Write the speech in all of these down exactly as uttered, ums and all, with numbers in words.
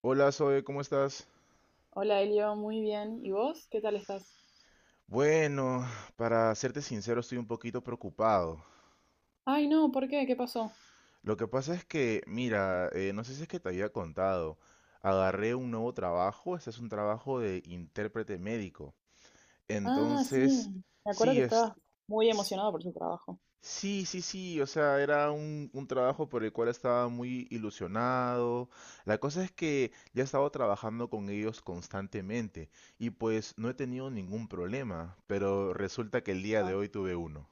Hola Zoe, ¿cómo estás? Hola Elio, muy bien. ¿Y vos? ¿Qué tal estás? Bueno, para serte sincero, estoy un poquito preocupado. Ay, no, ¿por qué? ¿Qué pasó? Lo que pasa es que, mira, eh, no sé si es que te había contado, agarré un nuevo trabajo, este es un trabajo de intérprete médico. Ah, Entonces, sí. Me acuerdo que sí, estabas es, muy emocionado por tu trabajo. sí, sí, sí, o sea, era un, un trabajo por el cual estaba muy ilusionado. La cosa es que ya he estado trabajando con ellos constantemente y pues no he tenido ningún problema, pero resulta que el día de Ajá. hoy tuve uno.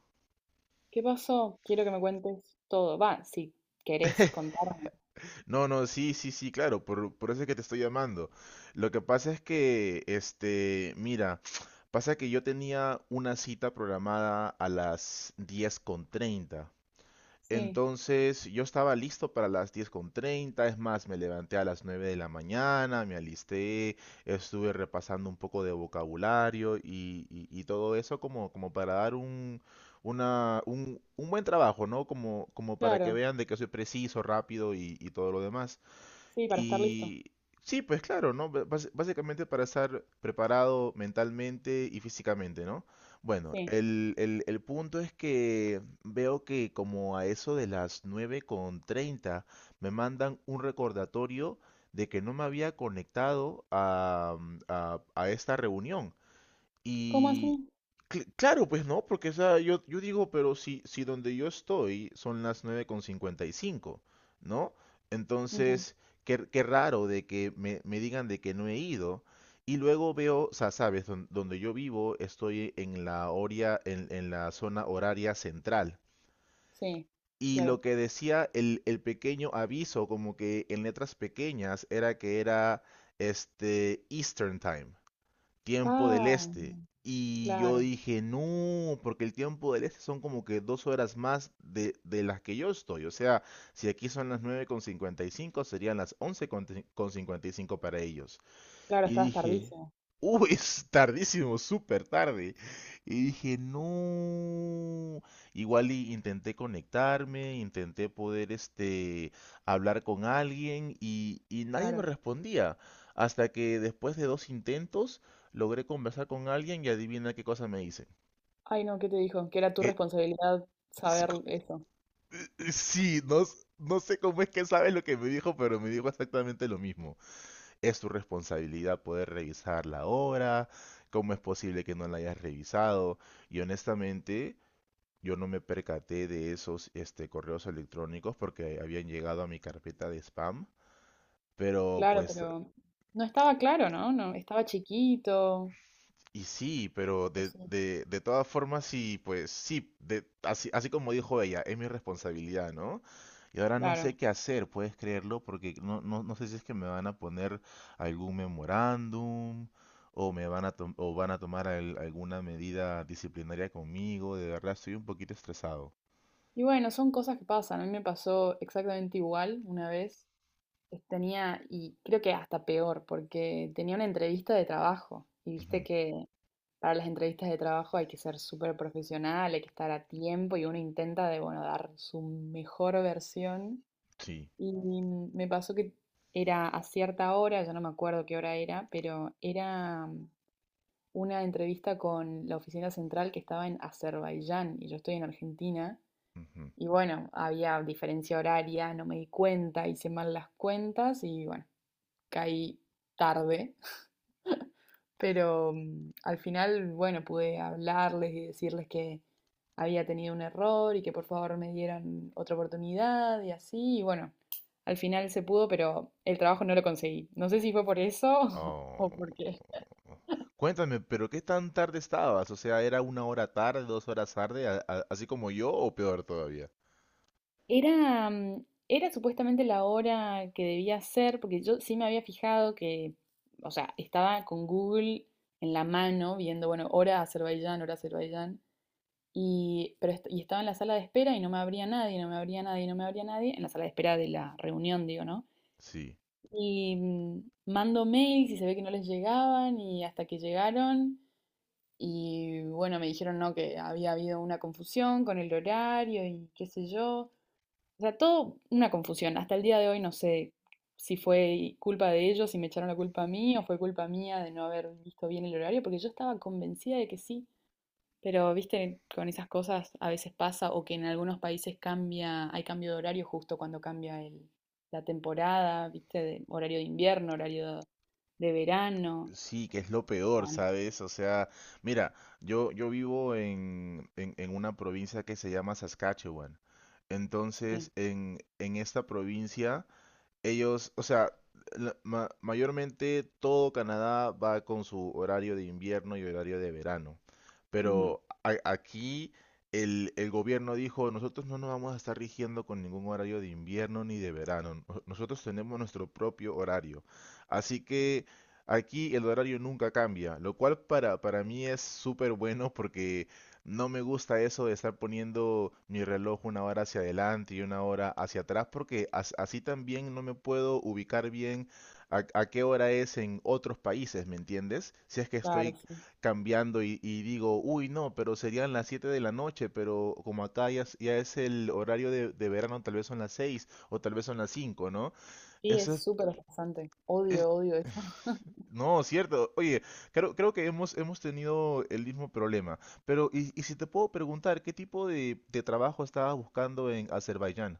¿Qué pasó? Quiero que me cuentes todo. Va, si querés contarme. No, no, sí, sí, sí, claro, por, por eso es que te estoy llamando. Lo que pasa es que, este, mira, pasa que yo tenía una cita programada a las diez con treinta. Sí, Entonces yo estaba listo para las diez con treinta, es más, me levanté a las nueve de la mañana, me alisté, estuve repasando un poco de vocabulario y, y- y todo eso como, como para dar un, una- un- un buen trabajo, ¿no? Como, como para que claro. vean de que soy preciso, rápido y, y todo lo demás. Sí, para estar listo. Y sí, pues claro, ¿no? Ba- bas- Básicamente para estar preparado mentalmente y físicamente, ¿no? Bueno, Sí. el, el- el punto es que veo que como a eso de las nueve con treinta me mandan un recordatorio de que no me había conectado a, a a esta reunión. ¿Cómo Y así? cl- claro, pues no, porque o sea, yo, yo digo, pero si, si donde yo estoy son las nueve con cincuenta y cinco, ¿no? Ujú. Entonces, qué, qué raro de que me, me digan de que no he ido. Y luego veo, o sea, sabes, Don- donde yo vivo estoy en la horia- en, en la zona horaria central. Sí, Y claro. lo que decía el, el pequeño aviso, como que en letras pequeñas, era que era este Eastern Time, tiempo del Ah, este. Y yo claro. dije, no, porque el tiempo del este son como que dos horas más de, de las que yo estoy. O sea, si aquí son las nueve con cincuenta y cinco, serían las once con cincuenta y cinco para ellos. Claro, Y estabas dije, tardísimo. uh, es tardísimo, súper tarde. Y dije, no. Igual y intenté conectarme, intenté poder este, hablar con alguien y, y nadie me Claro. respondía. Hasta que después de dos intentos logré conversar con alguien y adivina qué cosa me dice. Ay, no, ¿qué te dijo? Que era tu Que responsabilidad saber eso. sí, no, no sé cómo es que sabes lo que me dijo, pero me dijo exactamente lo mismo. Es tu responsabilidad poder revisar la obra, cómo es posible que no la hayas revisado. Y honestamente, yo no me percaté de esos este, correos electrónicos porque habían llegado a mi carpeta de spam. Pero Claro, pues, pero no estaba claro, ¿no? No, estaba chiquito. y sí, pero Pues de, sí. de, de todas formas, sí, pues sí, de, así, así como dijo ella, es mi responsabilidad, ¿no? Y ahora no Claro. sé qué hacer, puedes creerlo, porque no, no, no sé si es que me van a poner algún memorándum o me van a tom- o van a tomar al- alguna medida disciplinaria conmigo. De verdad, estoy un poquito estresado. Y bueno, son cosas que pasan. A mí me pasó exactamente igual una vez. Es- Tenía, y creo que hasta peor, porque tenía una entrevista de trabajo. Y viste Ujú. que para las entrevistas de trabajo hay que ser súper profesional, hay que estar a tiempo y uno intenta de, bueno, dar su mejor versión. Sí. Y me pasó que era a cierta hora, ya no me acuerdo qué hora era, pero era una entrevista con la oficina central que estaba en Azerbaiyán y yo estoy en Argentina. Ujú. Y bueno, había diferencia horaria, no me di cuenta, hice mal las cuentas y bueno, caí tarde. Pero mm, al final, bueno, pude hablarles y decirles que había tenido un error y que por favor me dieran otra oportunidad y así. Y bueno, al final se pudo, pero el trabajo no lo conseguí. No sé si fue por eso Oh. o por qué. Cuéntame, pero ¿qué tan tarde estabas? O sea, ¿era una hora tarde, dos horas tarde, a- a- así como yo o peor todavía? Era, mm, era supuestamente la hora que debía ser, porque yo sí me había fijado que, o sea, estaba con Google en la mano viendo, bueno, hora Azerbaiyán, hora Azerbaiyán, y, pero est- y estaba en la sala de espera y no me abría nadie, no me abría nadie, no me abría nadie, en la sala de espera de la reunión, digo, ¿no? Sí. Y mm, mando mails y se ve que no les llegaban y hasta que llegaron y bueno, me dijeron, no, que había habido una confusión con el horario y qué sé yo. O sea, todo una confusión. Hasta el día de hoy no sé si fue culpa de ellos, si me echaron la culpa a mí o fue culpa mía de no haber visto bien el horario, porque yo estaba convencida de que sí. Pero, viste, con esas cosas a veces pasa o que en algunos países cambia, hay cambio de horario justo cuando cambia el, la temporada, viste, de horario de invierno, horario de verano. Sí, que es lo peor, Bueno, ¿sabes? O sea, mira, yo, yo vivo en en, en una provincia que se llama Saskatchewan. sí. Entonces, en, en esta provincia ellos, o sea, la- ma- mayormente todo Canadá va con su horario de invierno y horario de verano. Ujú. Pero a- aquí el, el gobierno dijo, nosotros no nos vamos a estar rigiendo con ningún horario de invierno ni de verano. Nos- Nosotros tenemos nuestro propio horario. Así que aquí el horario nunca cambia, lo cual para, para mí es súper bueno porque no me gusta eso de estar poniendo mi reloj una hora hacia adelante y una hora hacia atrás, porque as- así también no me puedo ubicar bien a, a qué hora es en otros países, ¿me entiendes? Si es que Claro, estoy sí. cambiando y, y digo, uy, no, pero serían las siete de la noche, pero como acá ya, es ya es el horario de, de verano, tal vez son las seis o tal vez son las cinco, ¿no? Sí, es Eso súper estresante. es, Odio, odio eso. no, cierto. Oye, creo, creo que hemos, hemos tenido el mismo problema. Pero, y, y si te puedo preguntar, ¿qué tipo de, de trabajo estabas buscando en Azerbaiyán?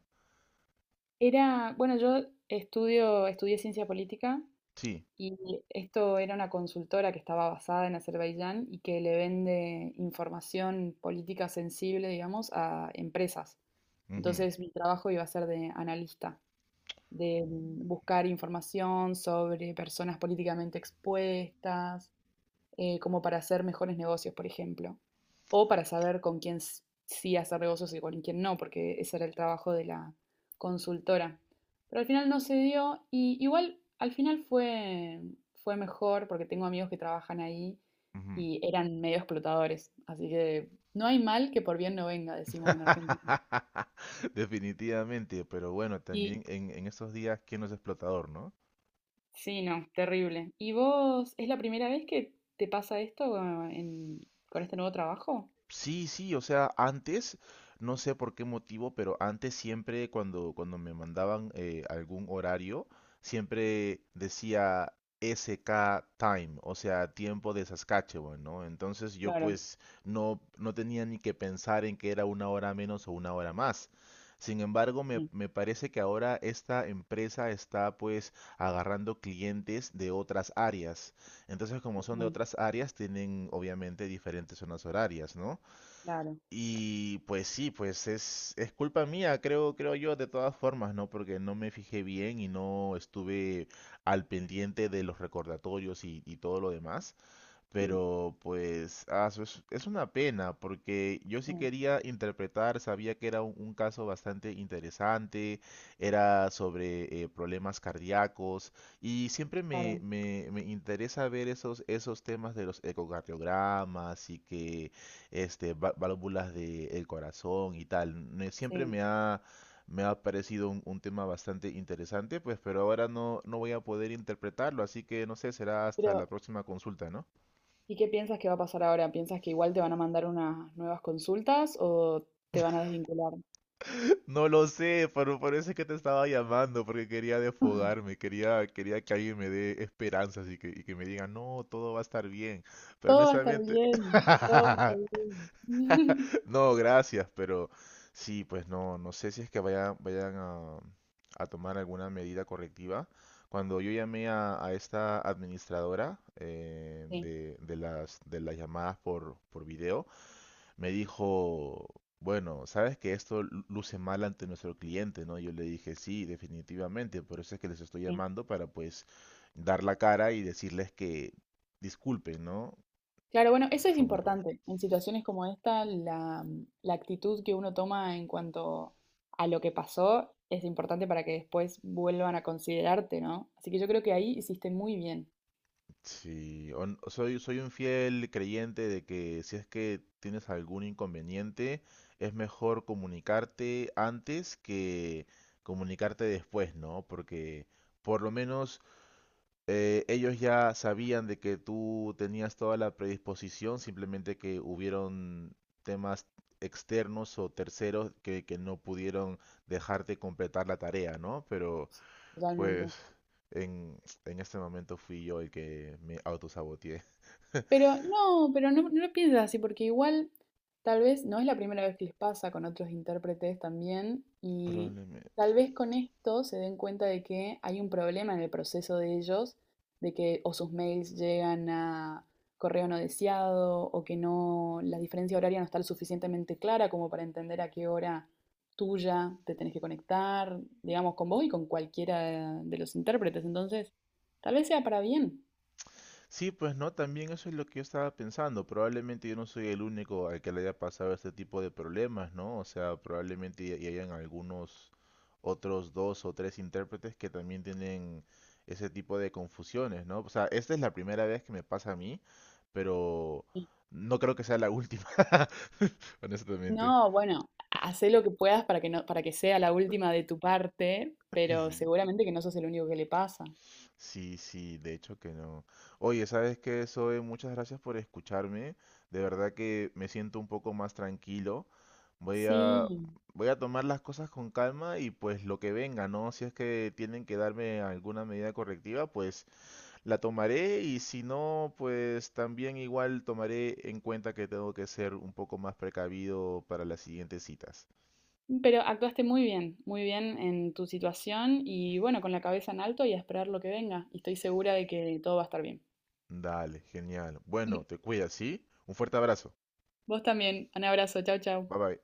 Era, bueno, yo estudio, estudié ciencia política. Sí. Y esto era una consultora que estaba basada en Azerbaiyán y que le vende información política sensible, digamos, a empresas. Ujú. Entonces mi trabajo iba a ser de analista, de Uh, mm, buscar información sobre personas políticamente expuestas, eh, como para hacer mejores negocios, por ejemplo, o para saber con quién sí hacer negocios y con quién no, porque ese era el trabajo de la consultora. Pero al final no se dio y igual al final fue, fue mejor porque tengo amigos que trabajan ahí ujú. y eran medio explotadores, así que no hay mal que por bien no venga, decimos en Argentina. Definitivamente, pero bueno, Y también en, en estos días, ¿quién no es explotador, no? sí, no, terrible. ¿Y vos es la primera vez que te pasa esto, eh, en- con este nuevo trabajo? Sí, sí, o sea, antes, no sé por qué motivo, pero antes siempre cuando, cuando me mandaban eh, algún horario, siempre decía S K Time, o sea, tiempo de Saskatchewan, ¿no? Entonces yo Claro. pues no, no tenía ni que pensar en que era una hora menos o una hora más. Sin embargo, me, Mm. me parece que ahora esta empresa está pues agarrando clientes de otras áreas. Entonces, como son de Mm. otras áreas, tienen obviamente diferentes zonas horarias, ¿no? Claro. Y pues sí, pues es, es culpa mía, creo, creo yo, de todas formas, ¿no? Porque no me fijé bien y no estuve al pendiente de los recordatorios y, y todo lo demás. Y, Pero pues, ah, su- es, es una pena, porque yo sí sí, quería interpretar, sabía que era un, un caso bastante interesante, era sobre eh, problemas cardíacos, y siempre me, claro, me, me interesa ver esos, esos temas de los ecocardiogramas y que este, va- válvulas del corazón y tal. Me- siempre sí. me ha, me ha parecido un, un tema bastante interesante, pues, pero ahora no, no voy a poder interpretarlo, así que no sé, será hasta la Pero, próxima consulta, ¿no? ¿y qué piensas que va a pasar ahora? ¿Piensas que igual te van a mandar unas nuevas consultas o te van a desvincular? No lo sé, pero por eso es que te estaba llamando, porque quería desfogarme, quería, quería que alguien me dé esperanzas y que, y que me diga, no, todo va a estar bien. Pero Todo va a estar honestamente, bien, todo va a estar bien. no, gracias, pero sí, pues no, no sé si es que vayan, vayan a, a tomar alguna medida correctiva. Cuando yo llamé a, a esta administradora eh, Sí, de, de las, de las llamadas por, por video, me dijo, bueno, sabes que esto luce mal ante nuestro cliente, ¿no? Yo le dije, sí, definitivamente, por eso es que les estoy sí. llamando para pues dar la cara y decirles que disculpen, ¿no? Claro, bueno, eso es Fue un error. importante. En situaciones como esta, la, la actitud que uno toma en cuanto a lo que pasó es importante para que después vuelvan a considerarte, ¿no? Así que yo creo que ahí hiciste muy bien. Sí, on- soy, soy un fiel creyente de que si es que tienes algún inconveniente, es mejor comunicarte antes que comunicarte después, ¿no? Porque por lo menos eh, ellos ya sabían de que tú tenías toda la predisposición, simplemente que hubieron temas externos o terceros que, que no pudieron dejarte completar la tarea, ¿no? Pero Sí. Totalmente. pues en, en este momento fui yo el que me autosaboteé. Pero no, pero no, no lo piensas así, porque igual tal vez no es la primera vez que les pasa con otros intérpretes también, y Probablemente. tal vez con esto se den cuenta de que hay un problema en el proceso de ellos, de que o sus mails llegan a correo no deseado, o que no, la diferencia horaria no está lo suficientemente clara como para entender a qué hora tuya te tenés que conectar, digamos, con vos y con cualquiera de los intérpretes. Entonces, tal vez sea para bien. Sí, pues no, también eso es lo que yo estaba pensando. Probablemente yo no soy el único al que le haya pasado este tipo de problemas, ¿no? O sea, probablemente y y hayan algunos otros dos o tres intérpretes que también tienen ese tipo de confusiones, ¿no? O sea, esta es la primera vez que me pasa a mí, pero no creo que sea la última, honestamente. No, bueno, hacé lo que puedas para que no, para que sea la última de tu parte, pero Sí. seguramente que no sos el único que le pasa. Sí, sí, de hecho que no. Oye, ¿sabes qué, Zoe? Muchas gracias por escucharme. De verdad que me siento un poco más tranquilo. Voy a, Sí, voy a tomar las cosas con calma y pues lo que venga, ¿no? Si es que tienen que darme alguna medida correctiva, pues la tomaré y si no, pues también igual tomaré en cuenta que tengo que ser un poco más precavido para las siguientes citas. pero actuaste muy bien, muy bien en tu situación y bueno, con la cabeza en alto y a esperar lo que venga. Y estoy segura de que todo va a estar bien. Dale, genial. Bueno, te cuidas, ¿sí? Un fuerte abrazo. Vos también. Un abrazo. Chau, chau. Bye bye.